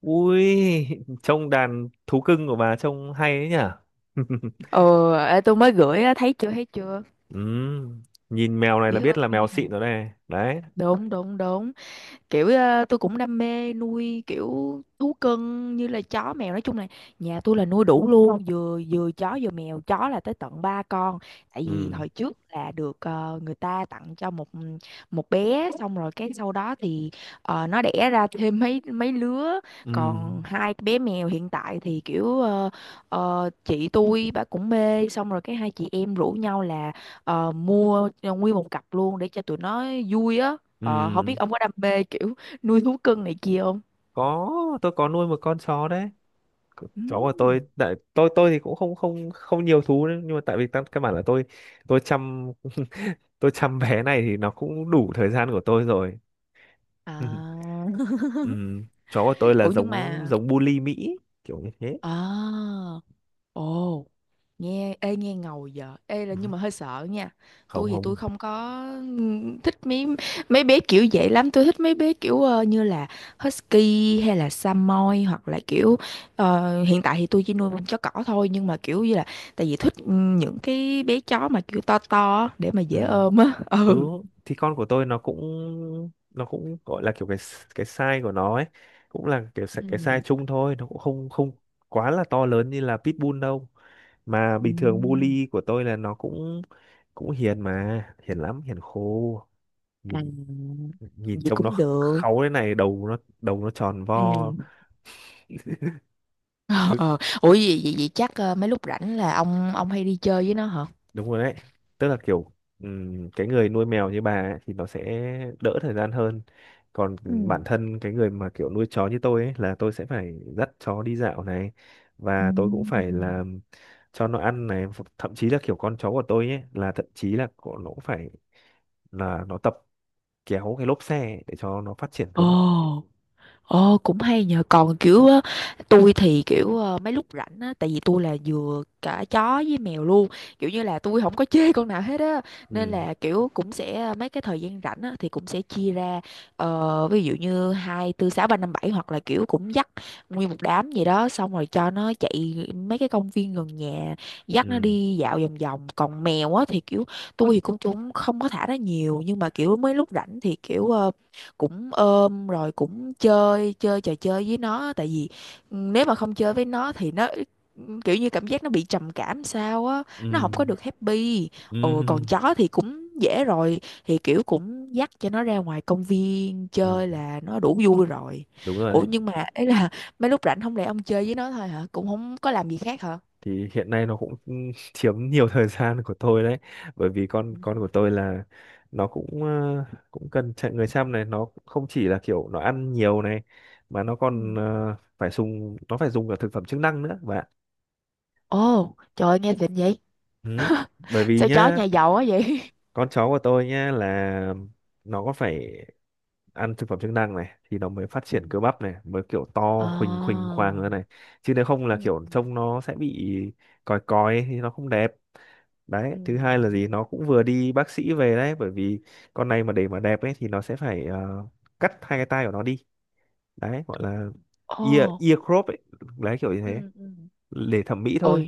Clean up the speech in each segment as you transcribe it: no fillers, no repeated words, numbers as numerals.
Ui, trông đàn thú cưng của bà trông hay ấy nhỉ? Ờ Ê, tôi mới gửi á, thấy chưa thấy chưa? Ừm, nhìn mèo này Dễ là biết thương. là mèo xịn rồi này. Đấy. Đúng đúng đúng. Kiểu tôi cũng đam mê nuôi kiểu thú cưng như là chó mèo, nói chung là nhà tôi là nuôi đủ luôn, vừa vừa chó vừa mèo, chó là tới tận ba con. Tại vì Ừm, hồi trước là được người ta tặng cho một một bé, xong rồi cái sau đó thì nó đẻ ra thêm mấy mấy lứa. Còn ừm, hai bé mèo hiện tại thì kiểu chị tôi bà cũng mê, xong rồi cái hai chị em rủ nhau là mua nguyên một cặp luôn để cho tụi nó vui á. Không biết ừm. ông có đam mê kiểu nuôi thú cưng này kia không? Có, tôi có nuôi một con chó đấy. Chó của tôi, Ừm. tại tôi thì cũng không không không nhiều thú đấy, nhưng mà tại vì căn căn bản là tôi tôi chăm bé này thì nó cũng đủ thời gian của tôi rồi. À. Chó của tôi là Ủa nhưng giống mà giống bully Mỹ kiểu như thế. à, ồ, nghe ê nghe ngầu giờ ê, là nhưng Ừm, mà hơi sợ nha. Tôi Không thì tôi không. không có thích mấy mấy bé kiểu vậy lắm, tôi thích mấy bé kiểu như là husky hay là samoy, hoặc là kiểu hiện tại thì tôi chỉ nuôi con chó cỏ thôi, nhưng mà kiểu như là tại vì thích những cái bé chó mà kiểu to to á, để mà dễ Ừ, ôm á. ừ Ừ. thì con của tôi nó cũng gọi là kiểu cái size của nó ấy cũng là kiểu Ừ. cái size chung thôi, nó cũng không không quá là to lớn như là pitbull đâu, mà bình thường Ừm. bully của tôi là nó cũng cũng hiền, mà hiền lắm, hiền khô. À, Nhìn nhìn vậy trông nó cũng được. kháu thế này, đầu nó tròn Ừ. vo. Ờ, ờ. Ủa vậy, vậy, vậy chắc mấy lúc rảnh là ông hay đi chơi với nó hả? Đúng rồi đấy, tức là kiểu cái người nuôi mèo như bà ấy, thì nó sẽ đỡ thời gian hơn, còn Ừ. bản thân cái người mà kiểu nuôi chó như tôi ấy là tôi sẽ phải dắt chó đi dạo này, và tôi cũng phải Ừm. là cho nó ăn này, thậm chí là kiểu con chó của tôi ấy là thậm chí là của nó cũng phải là nó tập kéo cái lốp xe ấy để cho nó phát triển cơ bắp. Ồ. Ồ, cũng hay nhờ. Còn kiểu á, tôi thì kiểu mấy lúc rảnh á, tại vì tôi là vừa cả chó với mèo luôn, kiểu như là tôi không có chê con nào hết á. Nên ừ là kiểu cũng sẽ mấy cái thời gian rảnh á thì cũng sẽ chia ra ví dụ như 2, tư, 6, 3, 5, bảy. Hoặc là kiểu cũng dắt nguyên một đám gì đó, xong rồi cho nó chạy mấy cái công viên gần nhà, dắt ừ nó đi dạo vòng vòng. Còn mèo á thì kiểu tôi thì cũng cũng không có thả nó nhiều, nhưng mà kiểu mấy lúc rảnh thì kiểu cũng ôm rồi cũng chơi chơi trò chơi với nó, tại vì ừ, nếu mà không chơi với nó thì nó kiểu như cảm giác nó bị trầm cảm sao á, nó không có ừ được happy. Ừ, còn ừ chó thì cũng dễ rồi, thì kiểu cũng dắt cho nó ra ngoài công viên chơi ừ là nó đủ vui rồi. Đúng rồi Ủa đấy. nhưng mà ấy là mấy lúc rảnh không lẽ ông chơi với nó thôi hả, cũng không có làm gì khác hả? Thì hiện nay nó cũng chiếm nhiều thời gian của tôi đấy, bởi vì con Ừ. con của tôi là nó cũng cũng cần chạy người chăm này, nó không chỉ là kiểu nó ăn nhiều này, mà nó còn Ừ. Phải dùng phải dùng cả thực phẩm chức năng nữa bạn. Ồ trời ơi, nghe xịn vậy, Ừ, bởi vì sao chó nhá, nhà giàu quá vậy. con chó của tôi nhá là nó có phải ăn thực phẩm chức năng này thì nó mới phát Ừ. triển cơ bắp này, mới kiểu Ờ. to khuỳnh khuỳnh khoang ra này, chứ nếu không là Ừ. kiểu Ừ. trông nó sẽ bị còi còi ấy, thì nó không đẹp. Đấy, Ừ. thứ hai là gì, nó cũng vừa đi bác sĩ về đấy, bởi vì con này mà để mà đẹp ấy thì nó sẽ phải cắt hai cái tai của nó đi, đấy gọi là ear Ồ, ear crop ấy, đấy kiểu như thế, ừ ừ để thẩm mỹ thôi. ừ.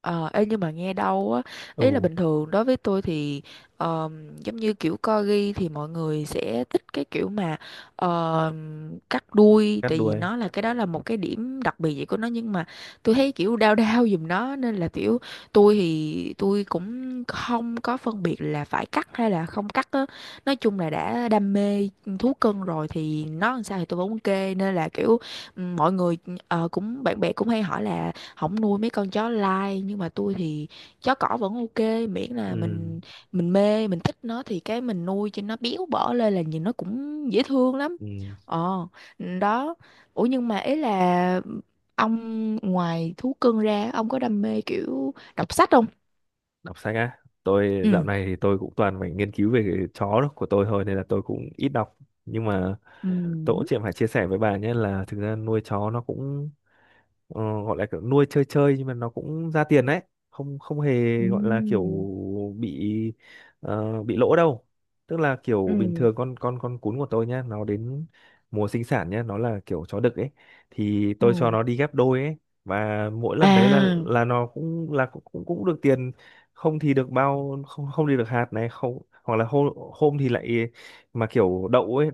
Ờ, ê, nhưng mà nghe đâu á, ý là Ừ, bình thường đối với tôi thì giống như kiểu corgi thì mọi người sẽ thích cái kiểu mà cắt đuôi, cắt tại vì đuôi. nó là cái đó là một cái điểm đặc biệt vậy của nó, nhưng mà tôi thấy kiểu đau đau giùm nó, nên là kiểu tôi thì tôi cũng không có phân biệt là phải cắt hay là không cắt á. Nói chung là đã đam mê thú cưng rồi thì nó làm sao thì tôi vẫn ok. Nên là kiểu ừ, mọi người cũng bạn bè cũng hay hỏi là không nuôi mấy con chó lai, nhưng mà tôi thì chó cỏ vẫn ok, miễn là Ừ, mình mê, mình thích nó thì cái mình nuôi cho nó béo bở lên là nhìn nó cũng dễ thương lắm. ừ. Ờ, đó. Ủa nhưng mà ý là ông, ngoài thú cưng ra ông có đam mê kiểu đọc sách không? Đọc sách á, tôi Ừ dạo này thì tôi cũng toàn phải nghiên cứu về cái chó đó của tôi thôi nên là tôi cũng ít đọc, nhưng mà tôi cũng ừ chỉ phải chia sẻ với bà nhé là thực ra nuôi chó nó cũng gọi là kiểu nuôi chơi chơi nhưng mà nó cũng ra tiền đấy, không không hề ừ gọi là kiểu bị bị lỗ đâu. Tức là kiểu bình ừ thường con cún của tôi nhá, nó đến mùa sinh sản nhá, nó là kiểu chó đực ấy, thì tôi cho ừ. nó đi ghép đôi ấy, và mỗi lần đấy À là nó cũng là cũng cũng cũng được tiền, không thì được bao, không không thì được hạt này, không hoặc là hôm hôm thì lại mà kiểu đậu ấy,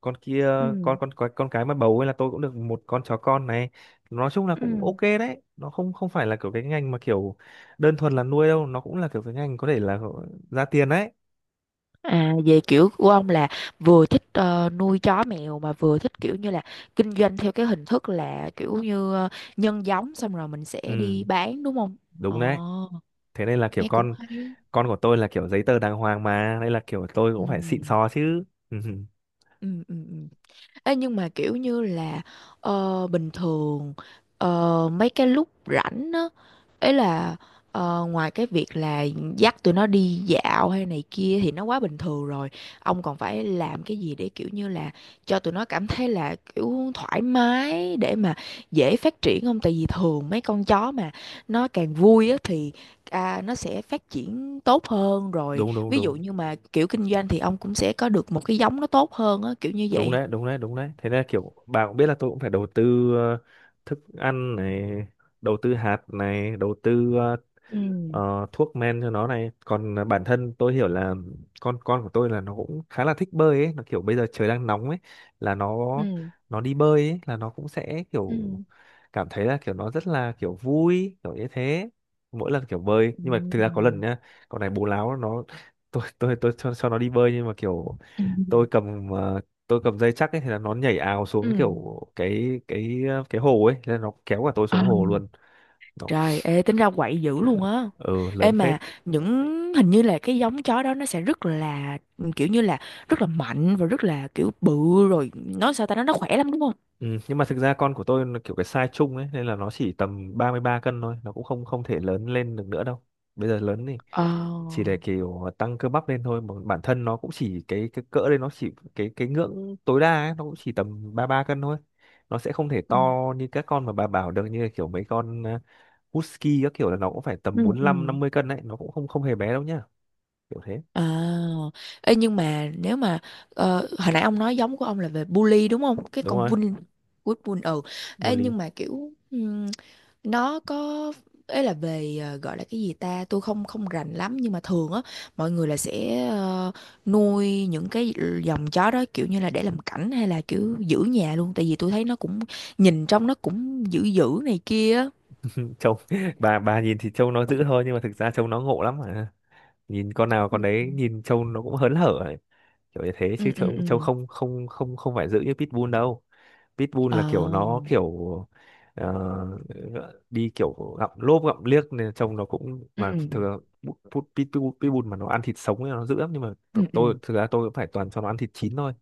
con kia, con ừ con con con cái mà bầu ấy là tôi cũng được một con chó con này. Nói chung là cũng ừ. ok đấy, nó không không phải là kiểu cái ngành mà kiểu đơn thuần là nuôi đâu, nó cũng là kiểu cái ngành có thể là ra tiền đấy. À, về kiểu của ông là vừa thích nuôi chó mèo, mà vừa thích kiểu như là kinh doanh theo cái hình thức là kiểu như nhân giống xong rồi mình sẽ đi Ừ, bán đúng không? đúng đấy, Ồ, thế nên là kiểu nghe cũng con hay. con của tôi là kiểu giấy tờ đàng hoàng mà, nên là kiểu tôi cũng phải xịn Ừ, sò chứ. Ừ. ừ, ừ. Ừ. Ê, nhưng mà kiểu như là bình thường mấy cái lúc rảnh á, ấy là ngoài cái việc là dắt tụi nó đi dạo hay này kia thì nó quá bình thường rồi, ông còn phải làm cái gì để kiểu như là cho tụi nó cảm thấy là kiểu thoải mái để mà dễ phát triển không, tại vì thường mấy con chó mà nó càng vui á thì à, nó sẽ phát triển tốt hơn. Rồi Đúng đúng ví dụ đúng, như mà kiểu kinh doanh thì ông cũng sẽ có được một cái giống nó tốt hơn á, kiểu như đúng vậy. đấy đúng đấy đúng đấy, thế nên là kiểu bà cũng biết là tôi cũng phải đầu tư ờ, thức ăn này, đầu tư hạt này, đầu tư Ừ thuốc men cho nó này, còn à, bản thân tôi hiểu là con của tôi là nó cũng khá là thích bơi ấy, nó kiểu bây giờ trời đang nóng ấy là nó ừ nó đi bơi ấy là nó cũng sẽ kiểu ừ. cảm thấy là kiểu nó rất là kiểu vui kiểu như thế mỗi lần kiểu bơi. Ừ. Nhưng mà thực ra có lần nhá, con này bố láo, nó tôi cho nó đi bơi nhưng mà kiểu Ừ tôi cầm tôi cầm dây chắc ấy, thì là nó nhảy ào xuống ừ. kiểu cái hồ ấy nên nó kéo cả tôi Ờ, xuống hồ luôn. Nó- trời, ê, tính ra quậy dữ luôn á. Ừ, Ê lớn phết. mà những, hình như là cái giống chó đó nó sẽ rất là kiểu như là rất là mạnh và rất là kiểu bự, rồi nó sao ta, nó khỏe lắm đúng không? Ừ, nhưng mà thực ra con của tôi nó kiểu cái size chung ấy nên là nó chỉ tầm 33 cân thôi, nó cũng không không thể lớn lên được nữa đâu. Bây giờ lớn thì chỉ Ờ. để kiểu tăng cơ bắp lên thôi, mà bản thân nó cũng chỉ cái cỡ đây, nó chỉ cái ngưỡng tối đa ấy, nó cũng chỉ tầm 33 cân thôi. Nó sẽ không thể to Ừ như các con mà bà bảo được, như là kiểu mấy con husky các kiểu là nó cũng phải tầm ừ bốn ừ. lăm năm mươi cân đấy, nó cũng không không hề bé đâu nhá. Kiểu thế. À, ê, nhưng mà nếu mà hồi nãy ông nói giống của ông là về bully đúng không? Cái Đúng con rồi, bull bull bull ừ. Ê, bully. nhưng mà kiểu nó có, ấy là về gọi là cái gì ta, tôi không không rành lắm, nhưng mà thường á mọi người là sẽ nuôi những cái dòng chó đó kiểu như là để làm cảnh hay là kiểu giữ nhà luôn, tại vì tôi thấy nó cũng nhìn trong nó cũng dữ dữ này kia á. Trông bà nhìn thì trông nó dữ thôi nhưng mà thực ra trông nó ngộ lắm mà. Nhìn con nào Ừ con đấy, nhìn trâu nó cũng hớn hở ấy, kiểu như thế, chứ ừ ừ trâu trông ừ. không không không không phải giữ như pitbull đâu. Pitbull Ờ. là kiểu nó kiểu ờ, đi kiểu gặm lốp gặm liếc nên trông nó cũng, Ừ mà thường pitbull mà nó ăn thịt sống thì nó dữ lắm, nhưng mà ừ ừ. tôi thực ra tôi cũng phải toàn cho nó ăn thịt chín thôi,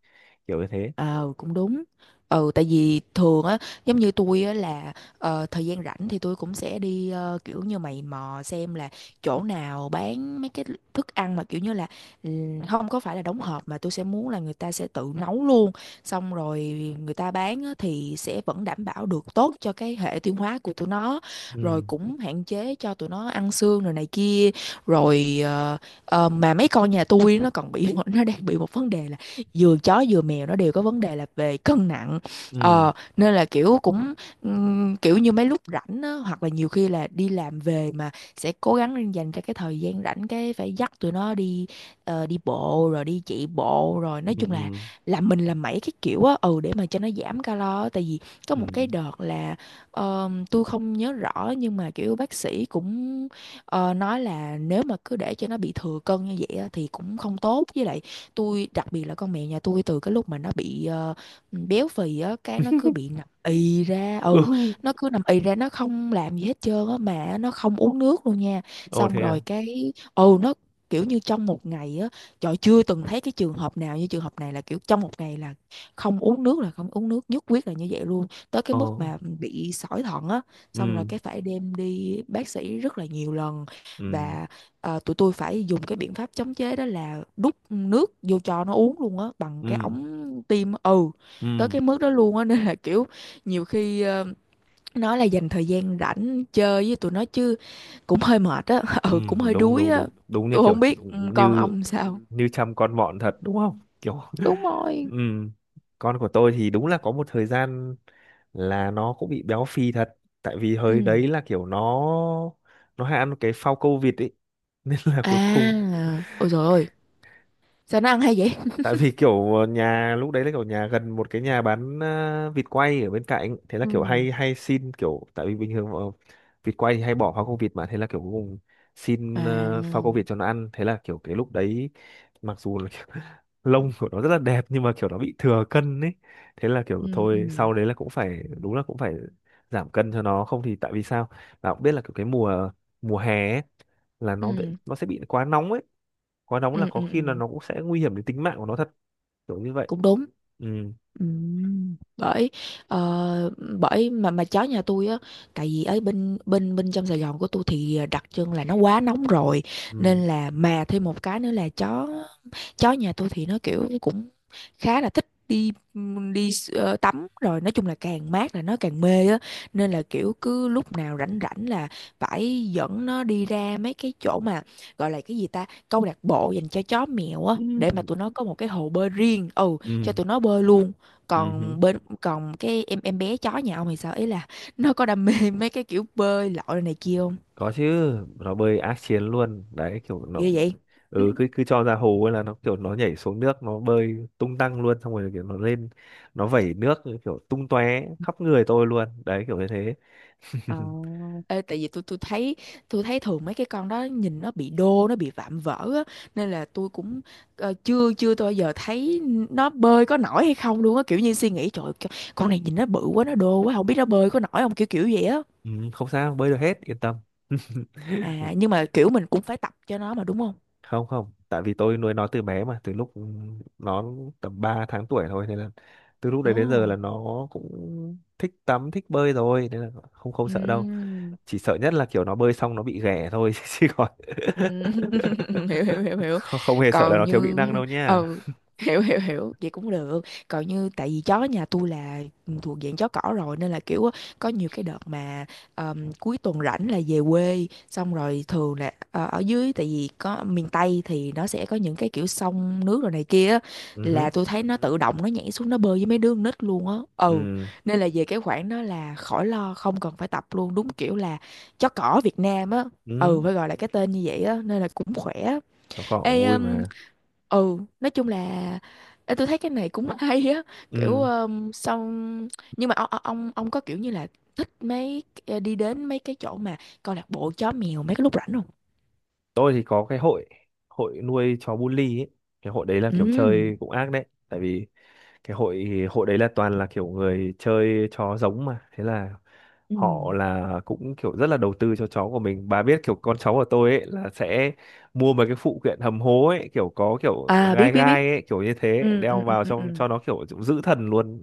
kiểu như thế. Ờ cũng đúng. Ừ, tại vì thường á giống như tôi á là thời gian rảnh thì tôi cũng sẽ đi kiểu như mày mò xem là chỗ nào bán mấy cái thức ăn mà kiểu như là không có phải là đóng hộp, mà tôi sẽ muốn là người ta sẽ tự nấu luôn, xong rồi người ta bán á, thì sẽ vẫn đảm bảo được tốt cho cái hệ tiêu hóa của tụi nó, rồi ừ cũng hạn chế cho tụi nó ăn xương rồi này kia, rồi mà mấy con nhà tôi nó còn bị nó đang bị một vấn đề là vừa chó vừa mèo nó đều có vấn đề là về cân nặng. ừ Ờ nên là kiểu cũng kiểu như mấy lúc rảnh á, hoặc là nhiều khi là đi làm về mà sẽ cố gắng dành ra cái thời gian rảnh, cái phải dắt tụi nó đi đi bộ rồi đi chạy bộ rồi, ừ nói chung là ừ làm mình làm mấy cái kiểu á, ừ, để mà cho nó giảm calo á. Tại vì có ừ một cái đợt là tôi không nhớ rõ, nhưng mà kiểu bác sĩ cũng Ờ, nói là nếu mà cứ để cho nó bị thừa cân như vậy á thì cũng không tốt, với lại tôi đặc biệt là con mèo nhà tôi, từ cái lúc mà nó bị béo phì á, cái nó cứ bị nằm ì ra. Ừ, ừ. nó cứ nằm ì ra, nó không làm gì hết trơn á, mà nó không uống nước luôn nha. Ồ Xong thế à. rồi cái ừ, nó kiểu như trong một ngày á, trời chưa từng thấy cái trường hợp nào như trường hợp này là kiểu trong một ngày là không uống nước là không uống nước, nhất quyết là như vậy luôn, tới cái mức Ồ. mà bị sỏi thận á. Xong rồi ừ cái phải đem đi bác sĩ rất là nhiều lần. ừ Và tụi tôi phải dùng cái biện pháp chống chế đó là đút nước vô cho nó uống luôn á, bằng cái ừ ống tiêm. Ừ, ừ tới cái mức đó luôn á. Nên là kiểu nhiều khi nói là dành thời gian rảnh chơi với tụi nó chứ cũng hơi mệt á, ừ, ừ, cũng hơi đúng đuối đúng á. đúng, đúng như Tôi kiểu, không biết ừ, con như ông sao. Ừ. như chăm con mọn thật đúng không kiểu. Đúng rồi. Ừ. Con của tôi thì đúng là có một thời gian là nó cũng bị béo phì thật, tại vì hồi Ừ. đấy là kiểu nó hay ăn cái phao câu vịt ấy. Nên là cuối À cùng, ôi trời ơi, sao nó ăn hay vậy. tại vì kiểu nhà lúc đấy là kiểu nhà gần một cái nhà bán vịt quay ở bên cạnh, thế là kiểu Ừ. hay hay xin kiểu, tại vì bình thường vịt quay thì hay bỏ phao câu vịt mà, thế là kiểu cuối cùng À. xin phao câu vịt cho nó ăn, thế là kiểu cái lúc đấy, mặc dù là kiểu, lông của nó rất là đẹp nhưng mà kiểu nó bị thừa cân ấy, thế là kiểu Ừ thôi ừ sau đấy là cũng phải, đúng là cũng phải giảm cân cho nó, không thì tại vì sao, bạn cũng biết là kiểu cái mùa mùa hè ấy, là nó bị, ừ nó sẽ bị quá nóng ấy, quá nóng là ừ có ừ khi là ừ. nó cũng sẽ nguy hiểm đến tính mạng của nó thật, kiểu như vậy. Cũng đúng. ừ Bởi ờ, bởi mà chó nhà tôi á, tại vì ở bên bên bên trong Sài Gòn của tôi thì đặc trưng là nó quá nóng rồi, ừ nên là mà thêm một cái nữa là chó chó nhà tôi thì nó kiểu cũng khá là thích đi đi tắm, rồi nói chung là càng mát là nó càng mê á. Nên là kiểu cứ lúc nào rảnh rảnh là phải dẫn nó đi ra mấy cái chỗ mà gọi là cái gì ta, câu lạc bộ dành cho chó mèo á, ừ để mà tụi nó có một cái hồ bơi riêng, ừ, cho ừ tụi nó bơi luôn. ừ hứ. Còn bên, còn cái em bé chó nhà ông thì sao, ý là nó có đam mê mấy cái kiểu bơi lội này kia không? Có chứ, nó bơi ác chiến luôn đấy, kiểu nó, Ghê vậy. ừ cứ cứ cho ra hồ ấy là nó kiểu nó nhảy xuống nước, nó bơi tung tăng luôn, xong rồi kiểu nó lên nó vẩy nước kiểu tung tóe khắp người tôi luôn đấy, kiểu như thế. Ê, tại vì tôi thấy, tôi thấy thường mấy cái con đó nhìn nó bị đô, nó bị vạm vỡ á, nên là tôi cũng chưa chưa tôi bao giờ thấy nó bơi có nổi hay không luôn á, kiểu như suy nghĩ trời ơi, con này nhìn nó bự quá, nó đô quá, không biết nó bơi có nổi không, kiểu kiểu vậy á. Ừ, không, sao bơi được hết, yên tâm. À nhưng mà kiểu mình cũng phải tập cho nó mà đúng không? Không không, tại vì tôi nuôi nó từ bé mà, từ lúc nó tầm 3 tháng tuổi thôi, nên là từ lúc Ồ. đấy đến giờ là nó cũng thích tắm thích bơi rồi, nên là không không sợ đâu. Oh. Chỉ sợ nhất là kiểu nó bơi xong nó bị ghẻ thôi, chứ còn Ừ, hiểu hiểu hiểu hiểu. không, không hề sợ là Còn nó thiếu kỹ như năng đâu nha. ừ, hiểu hiểu hiểu, vậy cũng được. Còn như tại vì chó nhà tôi là thuộc dạng chó cỏ rồi, nên là kiểu á, có nhiều cái đợt mà cuối tuần rảnh là về quê, xong rồi thường là ở dưới tại vì có miền Tây thì nó sẽ có những cái kiểu sông nước rồi này kia á, Ừ hứ, là tôi thấy nó tự động nó nhảy xuống nó bơi với mấy đứa con nít luôn á. Ừ, ừ nên là về cái khoản đó là khỏi lo, không cần phải tập luôn, đúng kiểu là chó cỏ Việt Nam á. Ừ, ừ, phải gọi là cái tên như vậy á, nên là cũng khỏe. nó cũng Ê, vui mà. ừ nói chung là ê, tôi thấy cái này cũng hay á, kiểu Ừ, xong nhưng mà ông có kiểu như là thích mấy đi đến mấy cái chỗ mà câu lạc bộ chó mèo mấy cái lúc rảnh không? tôi thì có cái hội hội nuôi chó bully ấy, cái hội đấy là Ừ. kiểu chơi cũng ác đấy, tại vì cái hội hội đấy là toàn là kiểu người chơi chó giống mà, thế là Ừ. họ là cũng kiểu rất là đầu tư cho cháu của mình, bà biết kiểu con cháu của tôi ấy là sẽ mua mấy cái phụ kiện hầm hố ấy, kiểu có kiểu À biết gai biết biết. gai ấy kiểu như thế, Ừ, đeo ừ, ừ, vào ừ. trong Ừ. cho nó kiểu giữ thần luôn,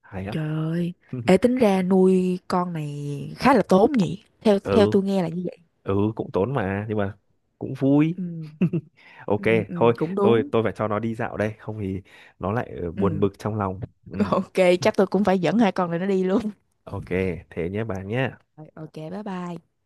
hay lắm. Trời ơi. Ê, tính ra nuôi con này khá là tốn nhỉ, theo theo Ừ, tôi nghe là như vậy. ừ cũng tốn mà nhưng mà cũng vui. Ừ. Ok, Ừ, ừ, thôi cũng tôi đúng. tôi phải cho nó đi dạo đây, không thì nó lại buồn bực Ừ. trong lòng. Ừ, Ok. Chắc tôi cũng phải dẫn hai con này nó đi luôn. ok, thế nhé bà nhé. Rồi, ok, bye bye.